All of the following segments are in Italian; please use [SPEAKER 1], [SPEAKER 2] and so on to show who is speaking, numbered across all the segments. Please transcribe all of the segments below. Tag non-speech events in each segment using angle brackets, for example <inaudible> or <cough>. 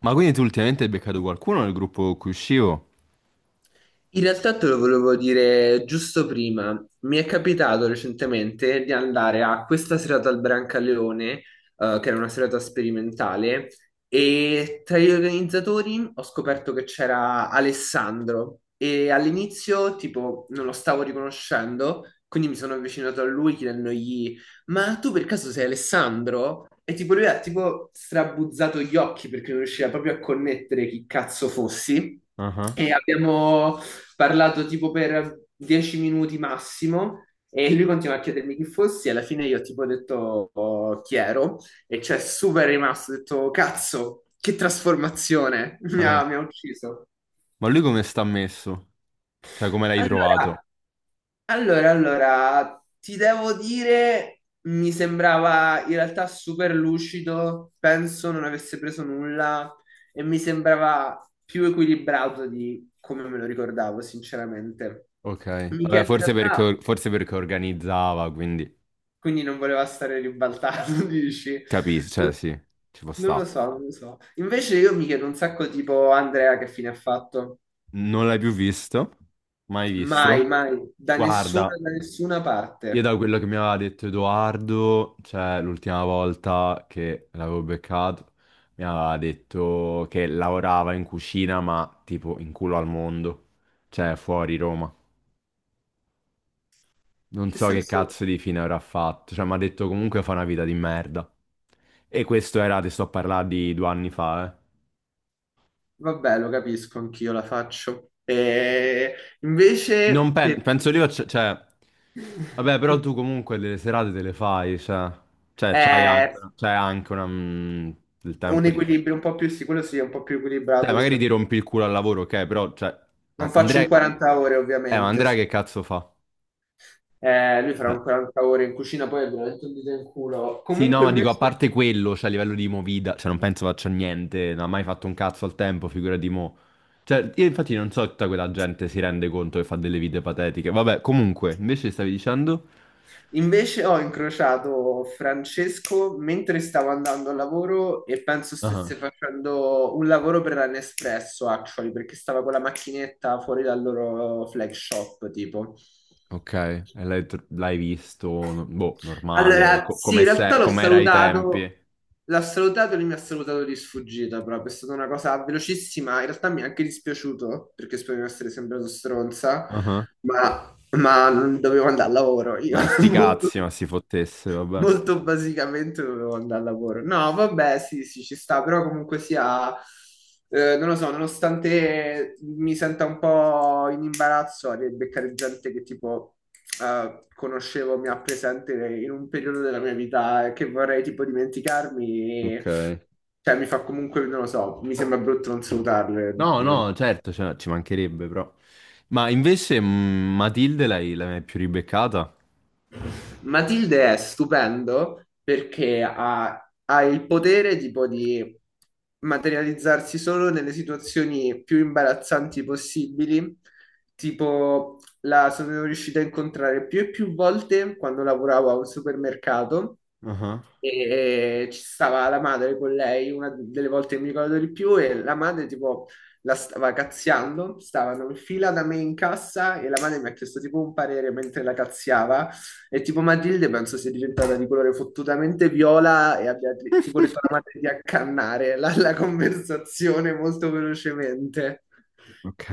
[SPEAKER 1] Ma quindi tu ultimamente hai beccato qualcuno nel gruppo con cui uscivo?
[SPEAKER 2] In realtà te lo volevo dire giusto prima. Mi è capitato recentemente di andare a questa serata al Brancaleone, che era una serata sperimentale, e tra gli organizzatori ho scoperto che c'era Alessandro e all'inizio tipo non lo stavo riconoscendo, quindi mi sono avvicinato a lui chiedendogli ma tu per caso sei Alessandro? E tipo lui ha tipo strabuzzato gli occhi perché non riusciva proprio a connettere chi cazzo fossi.
[SPEAKER 1] Ah,
[SPEAKER 2] E abbiamo parlato tipo per 10 minuti massimo e lui continua a chiedermi chi fossi e alla fine io tipo ho detto oh, chi ero e cioè super rimasto, ho detto cazzo, che trasformazione, <laughs> mi
[SPEAKER 1] ah.
[SPEAKER 2] ha, mi ha ucciso.
[SPEAKER 1] Ma lui come sta messo? Cioè, come l'hai trovato?
[SPEAKER 2] Allora, ti devo dire, mi sembrava in realtà super lucido, penso non avesse preso nulla e mi sembrava più equilibrato di come me lo ricordavo, sinceramente.
[SPEAKER 1] Ok.
[SPEAKER 2] Mi
[SPEAKER 1] Vabbè,
[SPEAKER 2] chiedo in
[SPEAKER 1] forse
[SPEAKER 2] realtà.
[SPEAKER 1] perché, forse perché organizzava, quindi
[SPEAKER 2] Quindi non voleva stare ribaltato, <laughs> dici?
[SPEAKER 1] capisci, cioè sì, ci può
[SPEAKER 2] Non lo
[SPEAKER 1] sta.
[SPEAKER 2] so, non lo so. Invece io mi chiedo un sacco tipo Andrea che fine ha fatto.
[SPEAKER 1] Non l'hai più visto? Mai
[SPEAKER 2] Mai, ah,
[SPEAKER 1] visto?
[SPEAKER 2] mai,
[SPEAKER 1] Guarda,
[SPEAKER 2] da nessuna
[SPEAKER 1] io
[SPEAKER 2] parte.
[SPEAKER 1] da quello che mi aveva detto Edoardo, cioè l'ultima volta che l'avevo beccato, mi aveva detto che lavorava in cucina, ma tipo in culo al mondo, cioè fuori Roma. Non
[SPEAKER 2] Che
[SPEAKER 1] so che
[SPEAKER 2] senso?
[SPEAKER 1] cazzo di fine avrà fatto, cioè mi ha detto comunque fa una vita di merda. E questo era, ti sto a parlare di 2 anni fa, eh.
[SPEAKER 2] Vabbè, lo capisco, anch'io la faccio. E
[SPEAKER 1] Non
[SPEAKER 2] invece per...
[SPEAKER 1] pen- penso io, cioè, vabbè, però
[SPEAKER 2] <laughs>
[SPEAKER 1] tu comunque delle serate te le fai, cioè c'hai anche,
[SPEAKER 2] è
[SPEAKER 1] una- c'hai anche una, del
[SPEAKER 2] un
[SPEAKER 1] tempo lì.
[SPEAKER 2] equilibrio un po' più sicuro, sì, quello sì, è un po' più
[SPEAKER 1] Cioè,
[SPEAKER 2] equilibrato
[SPEAKER 1] magari ti
[SPEAKER 2] rispetto...
[SPEAKER 1] rompi il culo al lavoro, ok, però, cioè,
[SPEAKER 2] Non faccio
[SPEAKER 1] Andrea,
[SPEAKER 2] un 40 ore,
[SPEAKER 1] ma
[SPEAKER 2] ovviamente.
[SPEAKER 1] Andrea
[SPEAKER 2] Sì.
[SPEAKER 1] che cazzo fa?
[SPEAKER 2] Lui farà
[SPEAKER 1] Cioè,
[SPEAKER 2] un 40 ore in cucina, poi è veramente un dito in culo.
[SPEAKER 1] sì, no,
[SPEAKER 2] Comunque
[SPEAKER 1] ma dico, a
[SPEAKER 2] invece
[SPEAKER 1] parte quello, cioè a livello di movida, cioè non penso faccia niente, non ha mai fatto un cazzo al tempo, figura di mo. Cioè, io infatti non so se tutta quella gente si rende conto che fa delle vite patetiche. Vabbè, comunque, invece stavi dicendo.
[SPEAKER 2] invece ho incrociato Francesco mentre stavo andando al lavoro e penso
[SPEAKER 1] Ah,
[SPEAKER 2] stesse facendo un lavoro per la Nespresso, actually, perché stava con la macchinetta fuori dal loro flag shop, tipo.
[SPEAKER 1] ok, e l'hai visto, boh, normale,
[SPEAKER 2] Allora,
[SPEAKER 1] co-
[SPEAKER 2] sì,
[SPEAKER 1] come
[SPEAKER 2] in
[SPEAKER 1] se-
[SPEAKER 2] realtà
[SPEAKER 1] come era ai tempi.
[SPEAKER 2] l'ho salutato e lui mi ha salutato di sfuggita, proprio, è stata una cosa velocissima, in realtà mi è anche dispiaciuto, perché spero di non essere sembrato stronza,
[SPEAKER 1] Ah,
[SPEAKER 2] ma non dovevo andare al lavoro, io
[SPEAKER 1] ma sti
[SPEAKER 2] <laughs> molto
[SPEAKER 1] cazzi, ma si fottesse, vabbè.
[SPEAKER 2] molto basicamente dovevo andare al lavoro. No, vabbè, sì, sì, ci sta, però comunque sia, non lo so, nonostante mi senta un po' in imbarazzo a beccare gente che tipo conoscevo, mi ha presente in un periodo della mia vita e che vorrei tipo dimenticarmi,
[SPEAKER 1] Ok.
[SPEAKER 2] cioè mi fa comunque, non lo so, mi sembra brutto non salutarle
[SPEAKER 1] No,
[SPEAKER 2] in ogni.
[SPEAKER 1] no, certo, cioè, ci mancherebbe, però. Ma invece, Matilde l'hai mai più ribeccata?
[SPEAKER 2] Matilde è stupendo perché ha il potere tipo di materializzarsi solo nelle situazioni più imbarazzanti possibili. Tipo, la sono riuscita a incontrare più e più volte quando lavoravo a un supermercato
[SPEAKER 1] Ah.
[SPEAKER 2] e ci stava la madre con lei, una delle volte che mi ricordo di più, e la madre tipo la stava cazziando, stavano in fila da me in cassa e la madre mi ha chiesto tipo un parere mentre la cazziava e tipo Matilde penso sia diventata di colore fottutamente viola e abbia tipo detto alla madre di accannare la conversazione molto velocemente.
[SPEAKER 1] Ok.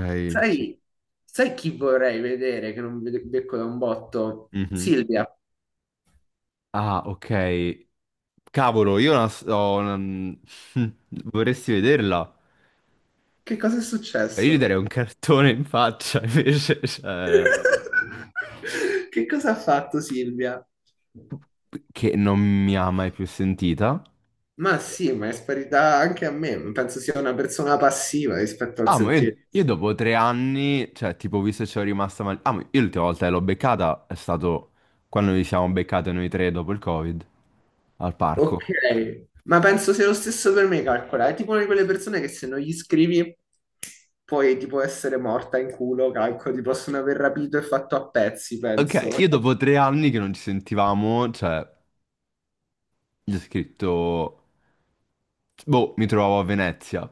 [SPEAKER 1] ci-
[SPEAKER 2] Sai, sai chi vorrei vedere che non vede- becco da un botto?
[SPEAKER 1] Mhm.
[SPEAKER 2] Silvia,
[SPEAKER 1] Ah, ok. Cavolo, io la s- ho una- <laughs> vorresti vederla?
[SPEAKER 2] che cosa è
[SPEAKER 1] Io gli darei
[SPEAKER 2] successo?
[SPEAKER 1] un cartone in faccia, <laughs> invece, cioè,
[SPEAKER 2] <laughs> Che cosa ha fatto Silvia?
[SPEAKER 1] che non mi ha mai più sentita.
[SPEAKER 2] Ma sì, ma è sparita anche a me. Penso sia una persona passiva rispetto al
[SPEAKER 1] Ah, ma io,
[SPEAKER 2] sentiero.
[SPEAKER 1] io dopo 3 anni, cioè, tipo, visto che ci ho rimasta male. Ah, ma io l'ultima volta che l'ho beccata è stato quando ci siamo beccati noi tre dopo il Covid, al parco.
[SPEAKER 2] Ok, ma penso sia lo stesso per me, calcola. È tipo una di quelle persone che se non gli scrivi puoi tipo essere morta in culo, calcolo. Ti possono aver rapito e fatto a pezzi, penso.
[SPEAKER 1] Ok, io dopo 3 anni che non ci sentivamo, cioè, gli ho scritto. Boh, mi trovavo a Venezia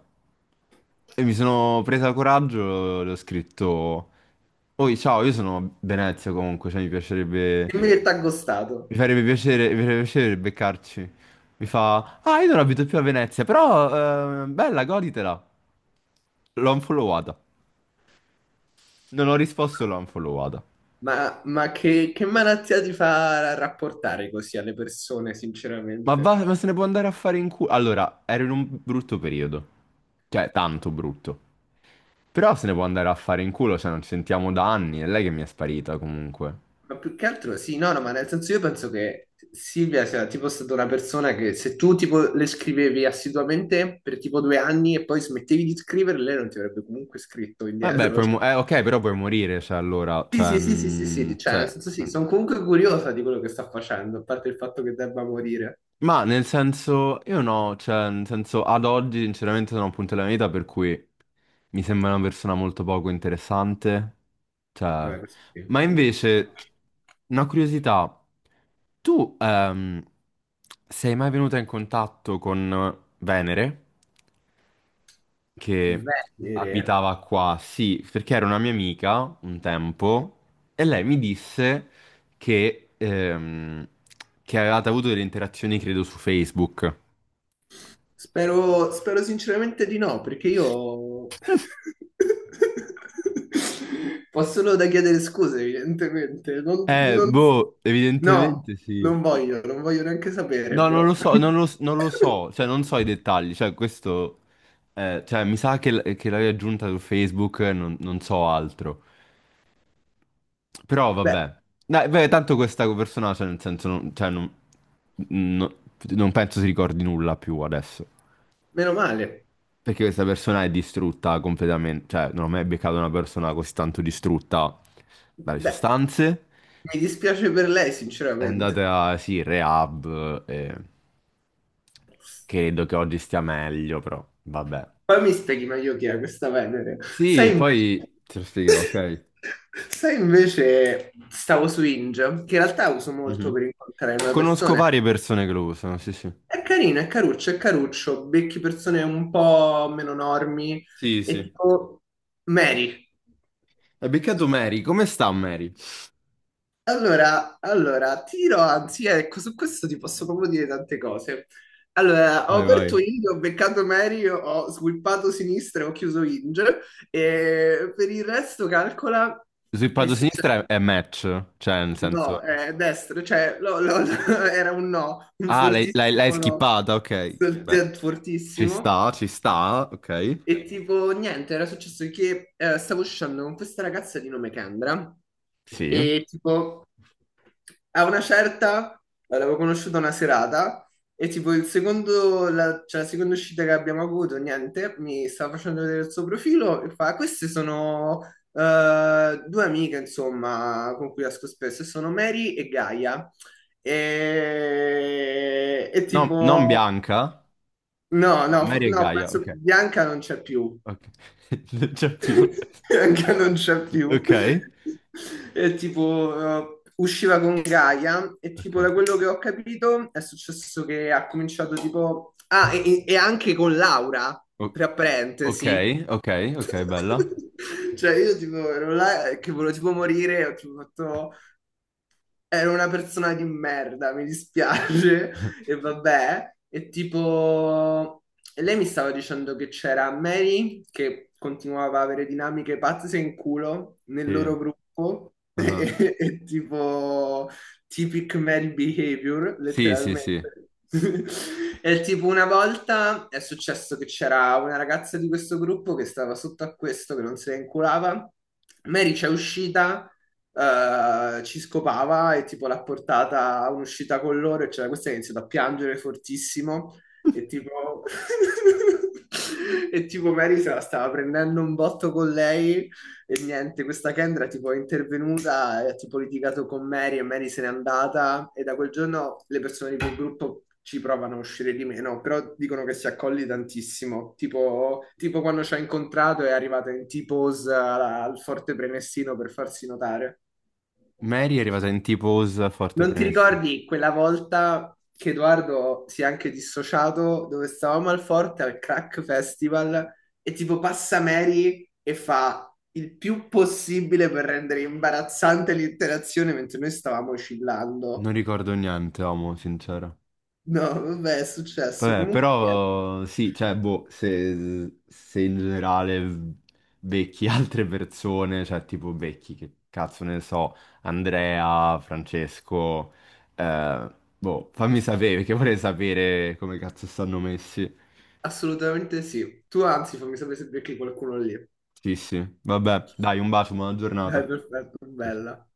[SPEAKER 1] e mi sono presa coraggio, le ho scritto, Oi, ciao, io sono a Venezia comunque, cioè mi piacerebbe,
[SPEAKER 2] Dimmi che t'ha
[SPEAKER 1] mi
[SPEAKER 2] ghostato.
[SPEAKER 1] farebbe piacere, mi farebbe piacere beccarci. Mi fa, ah, io non abito più a Venezia, però, bella, goditela. L'ho unfollowata. Non ho risposto, l'ho unfollowata.
[SPEAKER 2] Ma, che malattia ti fa rapportare così alle persone,
[SPEAKER 1] Ma,
[SPEAKER 2] sinceramente?
[SPEAKER 1] va, ma se ne può andare a fare in culo. Allora, ero in un brutto periodo. Cioè, tanto brutto. Però se ne può andare a fare in culo, cioè non ci sentiamo da anni. È lei che mi è sparita comunque.
[SPEAKER 2] Ma più che altro sì, no, no, ma nel senso io penso che Silvia sia tipo stata una persona che se tu tipo le scrivevi assiduamente per tipo due anni e poi smettevi di scrivere, lei non ti avrebbe comunque scritto
[SPEAKER 1] Vabbè,
[SPEAKER 2] indietro. Cioè.
[SPEAKER 1] ok, però puoi morire, se allora,
[SPEAKER 2] Sì,
[SPEAKER 1] cioè,
[SPEAKER 2] sì, sì, sì, sì, sì, cioè nel
[SPEAKER 1] cioè,
[SPEAKER 2] senso sì, sono comunque curiosa di quello che sta facendo, a parte il fatto che debba morire.
[SPEAKER 1] ma nel senso, io no, cioè, nel senso, ad oggi sinceramente sono a un punto della mia vita per cui mi sembra una persona molto poco interessante, cioè,
[SPEAKER 2] Vabbè, questo sì.
[SPEAKER 1] ma invece, una curiosità, tu sei mai venuta in contatto con Venere, che
[SPEAKER 2] Venere?
[SPEAKER 1] abitava qua? Sì, perché era una mia amica un tempo, e lei mi disse che, ehm, che avevate avuto delle interazioni, credo, su Facebook.
[SPEAKER 2] Spero, spero sinceramente di no, perché io <laughs> posso solo da chiedere scuse, evidentemente.
[SPEAKER 1] Boh,
[SPEAKER 2] No,
[SPEAKER 1] evidentemente sì.
[SPEAKER 2] non voglio, non voglio neanche sapere,
[SPEAKER 1] No, non
[SPEAKER 2] però.
[SPEAKER 1] lo so,
[SPEAKER 2] <laughs>
[SPEAKER 1] non lo so, cioè non so i dettagli, cioè questo, cioè mi sa che, l'avevi aggiunta su Facebook, non so altro. Però
[SPEAKER 2] Beh,
[SPEAKER 1] vabbè. Dai, beh, tanto questa persona, cioè nel senso, non, cioè, no- non penso si ricordi nulla più adesso.
[SPEAKER 2] meno male.
[SPEAKER 1] Perché questa persona è distrutta completamente, cioè non ho mai beccato una persona così tanto distrutta dalle
[SPEAKER 2] Beh,
[SPEAKER 1] sostanze.
[SPEAKER 2] mi dispiace per lei,
[SPEAKER 1] È
[SPEAKER 2] sinceramente.
[SPEAKER 1] andata, sì, in rehab e credo che oggi stia meglio, però vabbè.
[SPEAKER 2] Poi mi spieghi meglio chi è questa Venere.
[SPEAKER 1] Sì,
[SPEAKER 2] Sai
[SPEAKER 1] e
[SPEAKER 2] invece...
[SPEAKER 1] poi te lo spiegherò,
[SPEAKER 2] <laughs>
[SPEAKER 1] ok?
[SPEAKER 2] Sai invece, stavo su Inge, che in realtà uso molto
[SPEAKER 1] Mhm.
[SPEAKER 2] per incontrare una
[SPEAKER 1] Conosco
[SPEAKER 2] persona.
[SPEAKER 1] varie persone che lo usano, sì, sì.
[SPEAKER 2] È carino, è caruccio, è caruccio. Becchi persone un po' meno normi
[SPEAKER 1] Sì,
[SPEAKER 2] e
[SPEAKER 1] sì.
[SPEAKER 2] tipo Mary.
[SPEAKER 1] Hai beccato Mary, come sta Mary?
[SPEAKER 2] Allora, anzi, ecco, su questo ti posso proprio dire tante cose. Allora, ho
[SPEAKER 1] Vai,
[SPEAKER 2] aperto
[SPEAKER 1] vai.
[SPEAKER 2] Inge, ho beccato Mary, ho sweepato sinistra e ho chiuso Inge. E per il resto, calcola,
[SPEAKER 1] Sul
[SPEAKER 2] è
[SPEAKER 1] lato
[SPEAKER 2] successo.
[SPEAKER 1] sinistra è match, cioè nel
[SPEAKER 2] No,
[SPEAKER 1] senso.
[SPEAKER 2] è destra, <laughs> era un no, un
[SPEAKER 1] Ah, l'hai
[SPEAKER 2] fortissimo no,
[SPEAKER 1] skippata, ok. Beh.
[SPEAKER 2] Fortissimo.
[SPEAKER 1] Ci sta, ok.
[SPEAKER 2] E tipo, niente, era successo che stavo uscendo con questa ragazza di nome Kendra
[SPEAKER 1] Sì.
[SPEAKER 2] e tipo, a una certa l'avevo conosciuta una serata e tipo il secondo, la, cioè, la seconda uscita che abbiamo avuto, niente, mi stava facendo vedere il suo profilo e fa, queste sono due amiche, insomma, con cui esco spesso, e sono Mary e Gaia. E
[SPEAKER 1] No, non
[SPEAKER 2] tipo,
[SPEAKER 1] Bianca.
[SPEAKER 2] no,
[SPEAKER 1] No,
[SPEAKER 2] no,
[SPEAKER 1] Mary e
[SPEAKER 2] no,
[SPEAKER 1] Gaia,
[SPEAKER 2] penso
[SPEAKER 1] ok.
[SPEAKER 2] Bianca non c'è più.
[SPEAKER 1] Ok. <laughs> Non c'è più.
[SPEAKER 2] <laughs> Anche non c'è più.
[SPEAKER 1] Ok.
[SPEAKER 2] E tipo, usciva con Gaia e
[SPEAKER 1] Ok.
[SPEAKER 2] tipo da quello che ho capito è successo che ha cominciato tipo... Ah, e anche con Laura,
[SPEAKER 1] O-
[SPEAKER 2] tra
[SPEAKER 1] ok,
[SPEAKER 2] parentesi.
[SPEAKER 1] ok, ok, bella.
[SPEAKER 2] <laughs> Cioè io tipo ero là che volevo tipo morire, ho tipo fatto... Era una persona di merda, mi dispiace, <laughs>
[SPEAKER 1] <laughs>
[SPEAKER 2] e vabbè. E tipo, e lei mi stava dicendo che c'era Mary che continuava a avere dinamiche pazze in culo nel
[SPEAKER 1] Sì.
[SPEAKER 2] loro gruppo, <laughs>
[SPEAKER 1] Ah.
[SPEAKER 2] e tipo, typic Mary behavior,
[SPEAKER 1] Sì, sì, sì.
[SPEAKER 2] letteralmente. <laughs> E tipo una volta è successo che c'era una ragazza di questo gruppo che stava sotto a questo, che non se ne inculava. Mary c'è uscita ci scopava e tipo l'ha portata a un'uscita con loro e c'era questa che ha iniziato a piangere fortissimo e tipo... <laughs> e tipo Mary se la stava prendendo un botto con lei e niente, questa Kendra tipo è intervenuta e ha tipo litigato con Mary e Mary se n'è andata e da quel giorno le persone di quel gruppo ci provano a uscire di meno, però dicono che si accolli tantissimo, tipo, tipo quando ci ha incontrato è arrivata in T-pose al forte Prenestino per farsi notare.
[SPEAKER 1] Mary è arrivata in tipo Osa forte
[SPEAKER 2] Non ti
[SPEAKER 1] premessi.
[SPEAKER 2] ricordi quella volta che Edoardo si è anche dissociato dove stavamo al Forte al Crack Festival e tipo passa Mary e fa il più possibile per rendere imbarazzante l'interazione mentre noi stavamo oscillando?
[SPEAKER 1] Non ricordo niente, amo, sincero.
[SPEAKER 2] No, vabbè, è successo.
[SPEAKER 1] Vabbè,
[SPEAKER 2] Comunque, niente,
[SPEAKER 1] però sì, cioè, boh, se in generale becchi <laughs> altre persone, cioè tipo becchi, che cazzo ne so, Andrea, Francesco, boh, fammi sapere, perché vorrei sapere come cazzo stanno messi.
[SPEAKER 2] assolutamente sì. Tu anzi, fammi sapere se becchi qualcuno lì.
[SPEAKER 1] Sì, sì, vabbè, dai, un bacio, buona
[SPEAKER 2] Dai,
[SPEAKER 1] giornata.
[SPEAKER 2] perfetto,
[SPEAKER 1] Sì, sì.
[SPEAKER 2] bella.